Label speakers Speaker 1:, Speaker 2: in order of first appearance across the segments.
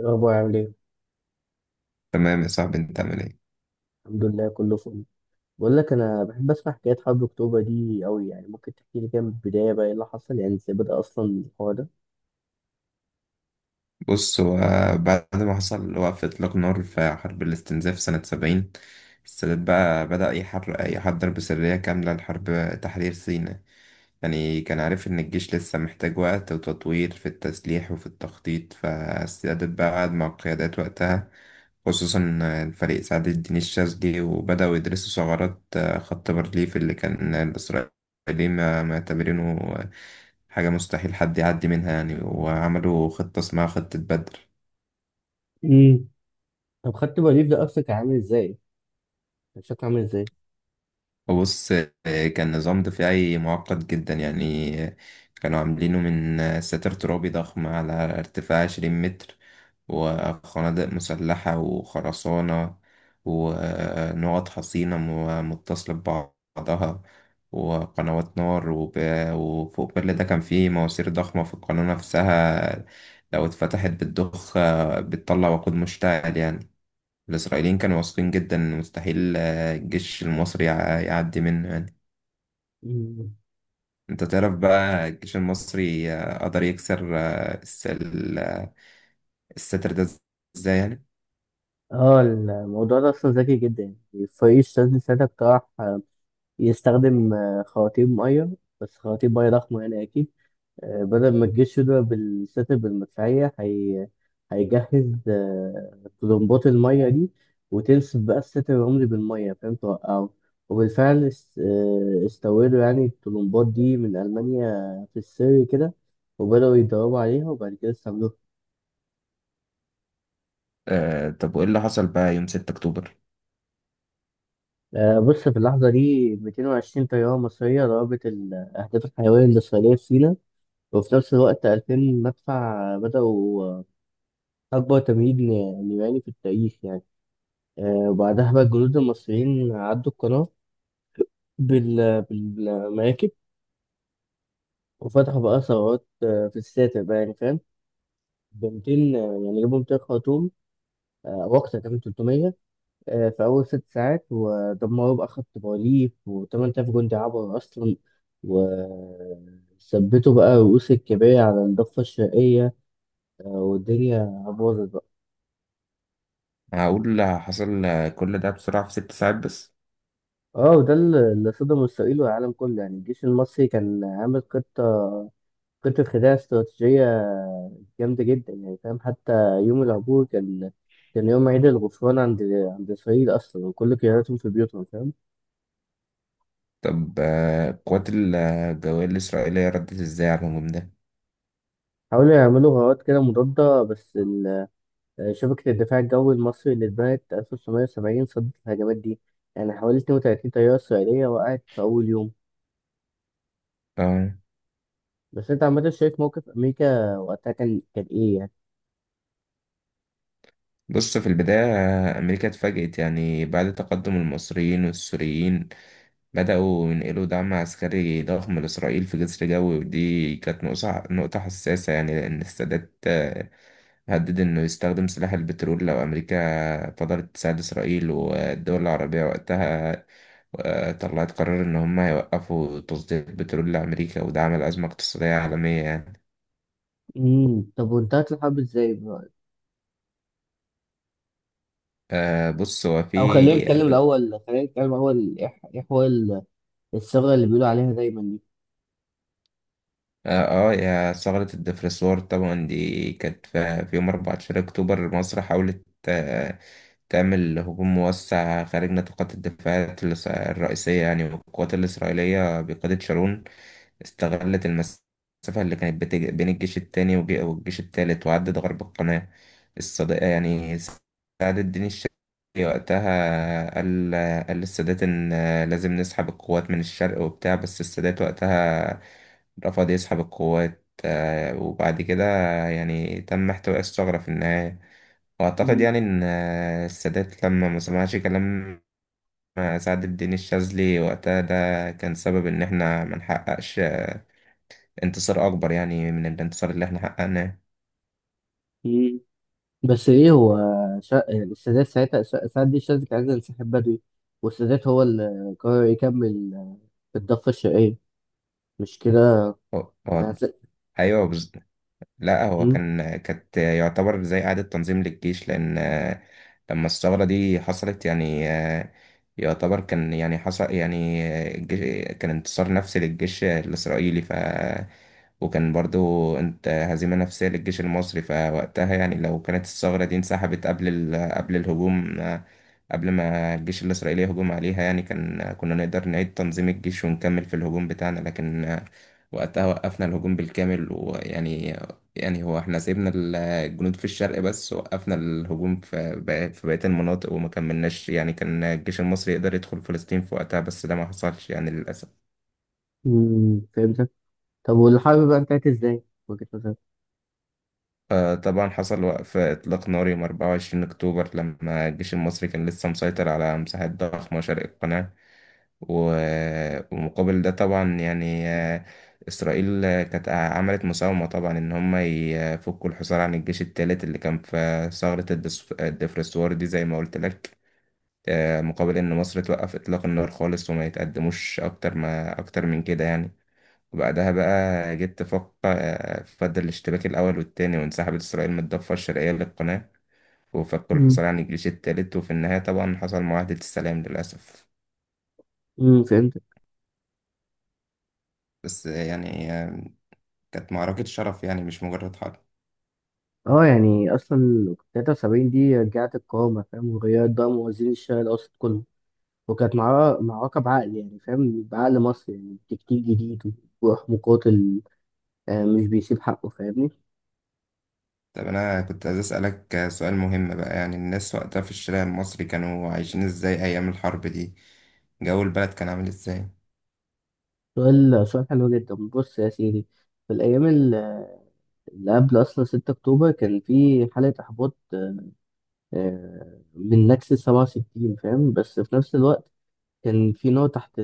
Speaker 1: إيه الأخبار عامل إيه؟
Speaker 2: تمام يا صاحبي، انت عامل ايه؟
Speaker 1: الحمد لله كله فل. بقول لك أنا بحب أسمع حكايات حرب أكتوبر دي أوي، يعني ممكن تحكي لي كده من البداية بقى إيه اللي حصل، يعني إزاي بدأ أصلا الحوار ده؟
Speaker 2: بص، بعد ما حصل وقف اطلاق نار في حرب الاستنزاف سنة 70. السادات بقى بدأ يحضر بسرية كاملة لحرب تحرير سيناء. يعني كان عارف إن الجيش لسه محتاج وقت وتطوير في التسليح وفي التخطيط، فاستعدت بقى، قعد مع القيادات وقتها، خصوصا الفريق سعد الدين الشاذلي، وبدأوا يدرسوا ثغرات خط بارليف اللي كان الإسرائيليين معتبرينه حاجة مستحيل حد يعدي منها يعني. وعملوا خطة اسمها خطة بدر.
Speaker 1: امم طب خدت بريف ده أصلا كان عامل إزاي؟ كان شكله عامل إزاي؟
Speaker 2: بص، كان نظام دفاعي معقد جدا يعني. كانوا عاملينه من ساتر ترابي ضخم على ارتفاع 20 متر، وخنادق مسلحة وخرسانة، ونقط حصينة متصلة ببعضها، وقنوات نار، وفوق كل ده كان فيه مواسير ضخمة في القناة نفسها، لو اتفتحت بتضخ، بتطلع وقود مشتعل يعني. الإسرائيليين كانوا واثقين جدا إن مستحيل الجيش المصري يعدي منه يعني.
Speaker 1: مم.
Speaker 2: أنت تعرف بقى الجيش المصري قدر يكسر الستر ده إزاي يعني؟
Speaker 1: آه، الموضوع ده أصلا ذكي جدا. يعني فريق الشاذلي ساعتها اقترح يستخدم خواتيم مية، بس خواتيم مية ضخمة يعني أكيد. بدل ما الجيش يضرب بالستر بالمدفعية هيجهز طلمبات المية دي، وتنسف بقى الستر العمري بالمية. فاهم توقعه. وبالفعل استوردوا يعني الطلمبات دي من ألمانيا في السر كده، وبدأوا يتدربوا عليها وبعد كده استعملوها.
Speaker 2: طب وإيه اللي حصل بقى يوم 6 أكتوبر؟
Speaker 1: بص، في اللحظة دي 220 طيارة مصرية ضربت الأهداف الحيوية الإسرائيلية في سيناء، وفي نفس الوقت 2000 مدفع بدأوا أكبر تمهيد نيراني في التاريخ يعني. وبعدها بقى الجنود المصريين عدوا القناة بالمراكب، وفتحوا بقى ثروات في الساتر بقى يعني فاهم. ب 200 يعني جابوا 200 خرطوم وقتها، كمان 300 في أول ست ساعات، ودمروا بقى خط بارليف، و8000 جندي عبر أصلا، وثبتوا بقى رؤوس الكباري على الضفة الشرقية. والدنيا باظت بقى.
Speaker 2: هقول حصل، كل ده بسرعة في 6 ساعات بس.
Speaker 1: اه، وده اللي صدم إسرائيل والعالم كله، يعني الجيش المصري كان عامل خطة، كنت في خداع استراتيجية جامدة جدا يعني فاهم. حتى يوم العبور كان يوم عيد الغفران عند إسرائيل أصلا، وكل قياداتهم في بيوتهم فاهم.
Speaker 2: طب قوات الجوية الإسرائيلية ردت إزاي على الهجوم ده؟
Speaker 1: حاولوا يعملوا غارات كده مضادة، بس شبكة الدفاع الجوي المصري اللي اتبنت 1970 صدت الهجمات دي، يعني حوالي 32 طيارة إسرائيلية وقعت في أول يوم.
Speaker 2: آه
Speaker 1: بس أنت عامة شايف موقف أمريكا وقتها كان إيه يعني؟
Speaker 2: بص، في البداية أمريكا اتفاجئت، يعني بعد تقدم المصريين والسوريين بدأوا ينقلوا دعم عسكري ضخم لإسرائيل في جسر جوي. ودي كانت نقطة حساسة، يعني لأن السادات هدد إنه يستخدم سلاح البترول لو أمريكا فضلت تساعد إسرائيل. والدول العربية وقتها طلعت قرار إن هم هيوقفوا تصدير البترول لأمريكا، وده عمل أزمة اقتصادية عالمية يعني.
Speaker 1: طب وانتهت الحرب إزاي بقى؟
Speaker 2: آه، بص هو في
Speaker 1: أو خلينا نتكلم الأول، خلينا نتكلم الأول، إيه حوار الثغرة اللي بيقولوا عليها دايما دي.
Speaker 2: اه آه، يا ثغرة الدفرسوار، طبعا دي كانت في يوم 14 أكتوبر. مصر حاولت تعمل هجوم موسع خارج نطاقات الدفاعات الرئيسية يعني. والقوات الإسرائيلية بقيادة شارون استغلت المسافة اللي كانت بين الجيش التاني والجيش التالت، وعدت غرب القناة. الصديقة يعني سعد الدين الشاذلي وقتها قال للسادات إن لازم نسحب القوات من الشرق وبتاع، بس السادات وقتها رفض يسحب القوات، وبعد كده يعني تم احتواء الثغرة في النهاية. وأعتقد
Speaker 1: مم.
Speaker 2: يعني إن السادات لما ما سمعش كلام سعد الدين الشاذلي وقتها، ده كان سبب إن إحنا ما نحققش انتصار اكبر يعني من الانتصار اللي احنا حققناه.
Speaker 1: مم. بس ايه هو يعني السادات ساعتها ساعات دي الشاذلي كان عايز ينسحب بدري، والسادات هو اللي قرر يكمل في الضفة الشرقية. مش كده؟
Speaker 2: هو هو-
Speaker 1: هس-
Speaker 2: ايوه بز- لا، هو
Speaker 1: مم.
Speaker 2: كانت يعتبر زي إعادة تنظيم للجيش، لأن لما الثورة دي حصلت يعني، يعتبر كان يعني حصل، يعني الجيش كان انتصار نفسي للجيش الإسرائيلي، وكان برضو انت هزيمة نفسية للجيش المصري. فوقتها يعني لو كانت الثغرة دي انسحبت قبل قبل الهجوم، قبل ما الجيش الإسرائيلي يهجم عليها، يعني كنا نقدر نعيد تنظيم الجيش ونكمل في الهجوم بتاعنا. لكن وقتها وقفنا الهجوم بالكامل، ويعني يعني هو احنا سيبنا الجنود في الشرق، بس وقفنا الهجوم في بقية المناطق وما كملناش يعني. كان الجيش المصري يقدر يدخل فلسطين في وقتها، بس ده ما حصلش يعني للأسف.
Speaker 1: مم. فهمتك. طب والحرب بقى انتهت ازاي؟ وجهة نظرك.
Speaker 2: طبعا حصل وقف إطلاق نار يوم 24 أكتوبر، لما الجيش المصري كان لسه مسيطر على مساحات ضخمة شرق القناة. ومقابل ده طبعا يعني، إسرائيل كانت عملت مساومة طبعا إن هم يفكوا الحصار عن الجيش الثالث اللي كان في ثغرة الدفرسوار دي، زي ما قلت لك. مقابل إن مصر توقف إطلاق النار خالص وما يتقدموش أكتر ما أكتر من كده يعني. وبعدها بقى جيت تفق آه، فضل الاشتباك الأول والتاني، وانسحبت إسرائيل من الضفة الشرقية للقناة، وفكوا
Speaker 1: مم.
Speaker 2: الحصار عن الجيش التالت، وفي النهاية طبعا حصل معاهدة السلام للأسف.
Speaker 1: مم. فهمتك.
Speaker 2: بس يعني كانت معركة شرف، يعني مش مجرد حرب.
Speaker 1: اه، يعني اصلا 73 دي رجعت القوامة فاهم، وغيرت بقى موازين الشرق الاوسط كله، وكانت معركة بعقل، يعني فاهم بعقل مصري، يعني تكتيك جديد وروح مقاتل، مش بيسيب حقه فاهمني.
Speaker 2: طب أنا كنت عايز أسألك سؤال مهم بقى، يعني الناس وقتها في الشارع المصري كانوا عايشين إزاي أيام الحرب دي؟ جو البلد كان عامل إزاي؟
Speaker 1: سؤال حلو جدا، بص يا سيدي. في الأيام اللي قبل أصلا 6 أكتوبر كان في حالة إحباط من نكسة 67 فاهم، بس في نفس الوقت كان في نار تحت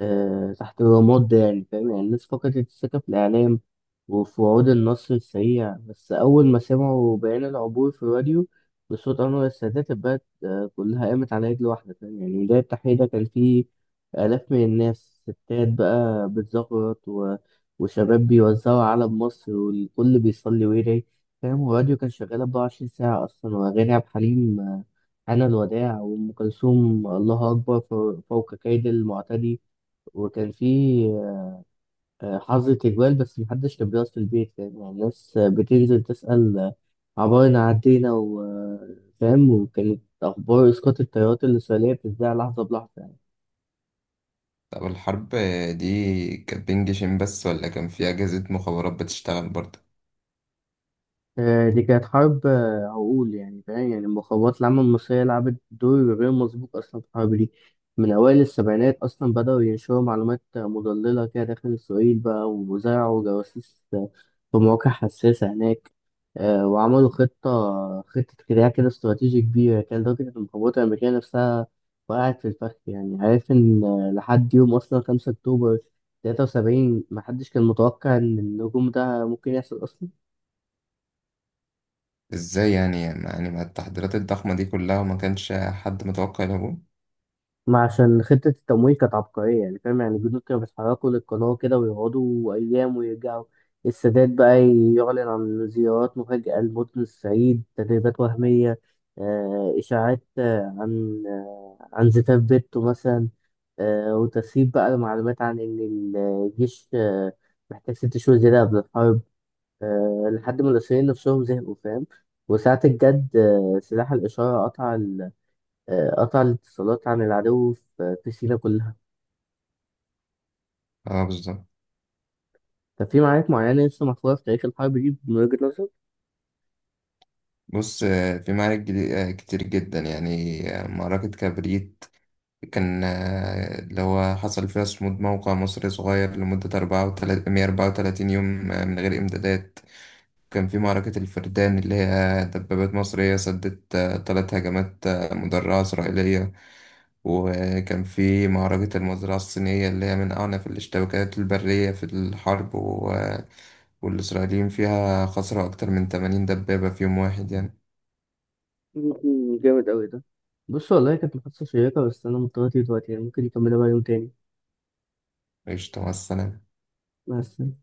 Speaker 1: تحت الرماد ده، يعني فاهم، يعني الناس فقدت الثقة في الإعلام وفي وعود النصر السريع. بس أول ما سمعوا بيان العبور في الراديو بصوت أنور السادات، البلد كلها قامت على رجل واحدة فاهم، يعني ميدان التحرير ده كان فيه آلاف من الناس، ستات بقى بتزغرط وشباب بيوزعوا علم مصر، والكل بيصلي ويدعي فاهم. والراديو كان شغال 24 ساعة أصلا، وأغاني عبد الحليم أنا الوداع، وأم كلثوم الله أكبر فوق كيد المعتدي. وكان في حظر تجوال، بس محدش كان بيقف في البيت فاهم، يعني الناس بتنزل تسأل عبارنا عدينا وفاهم، وكانت أخبار إسقاط الطيارات الإسرائيلية بتتذاع لحظة بلحظة يعني.
Speaker 2: طب الحرب دي كانت بين جيشين بس، ولا كان في أجهزة مخابرات بتشتغل برضه؟
Speaker 1: دي كانت حرب عقول، يعني فاهم، يعني المخابرات العامة المصرية لعبت دور غير مسبوق أصلا في الحرب دي. من أوائل السبعينات أصلا بدأوا ينشروا معلومات مضللة كده داخل إسرائيل بقى، وزرعوا جواسيس في مواقع حساسة هناك. وعملوا خطة كده استراتيجي كبيرة، كان لدرجة إن القوات الأمريكية نفسها وقعت في الفخ، يعني عارف إن لحد يوم أصلا 5 أكتوبر 73 محدش كان متوقع إن الهجوم ده ممكن يحصل أصلا.
Speaker 2: ازاي يعني مع التحضيرات الضخمة دي كلها ما كانش حد متوقع الهجوم؟
Speaker 1: ما عشان خطة التمويل كانت عبقرية يعني فاهم، يعني الجدود كانوا بيتحركوا للقناة كده ويقعدوا أيام ويرجعوا. السادات بقى يعلن عن زيارات مفاجئة لمدن الصعيد، تدريبات وهمية، إشاعات عن زفاف بيته مثلا. وتسريب بقى المعلومات عن إن الجيش محتاج ست شهور زيادة قبل الحرب، لحد ما المصريين نفسهم زهقوا فاهم. وساعة الجد سلاح الإشارة قطع، قطع الاتصالات عن العدو في سينا كلها.
Speaker 2: اه، بالظبط.
Speaker 1: طب في معارك معينة لسه محفورة في تاريخ الحرب دي من وجهة نظرك؟
Speaker 2: بص، في معارك كتير جدا، يعني معركة كبريت كان، اللي هو حصل فيها صمود موقع مصري صغير لمدة أربعة وتلاتين 134 يوم، من غير إمدادات. كان في معركة الفردان اللي هي دبابات مصرية سدت، 3 هجمات مدرعة إسرائيلية. وكان في معركة المزرعة الصينية اللي هي من أعنف الاشتباكات البرية في الحرب، و... آه، والإسرائيليين فيها خسروا أكتر من 80 دبابة في يوم واحد يعني.
Speaker 1: مم، جامد أوي ده. بص والله كانت محادثة شيقة، بس أنا مضطر أطير دلوقتي، يعني ممكن نكملها بقى يوم تاني.
Speaker 2: قشطة، مع السلامة.
Speaker 1: مع السلامة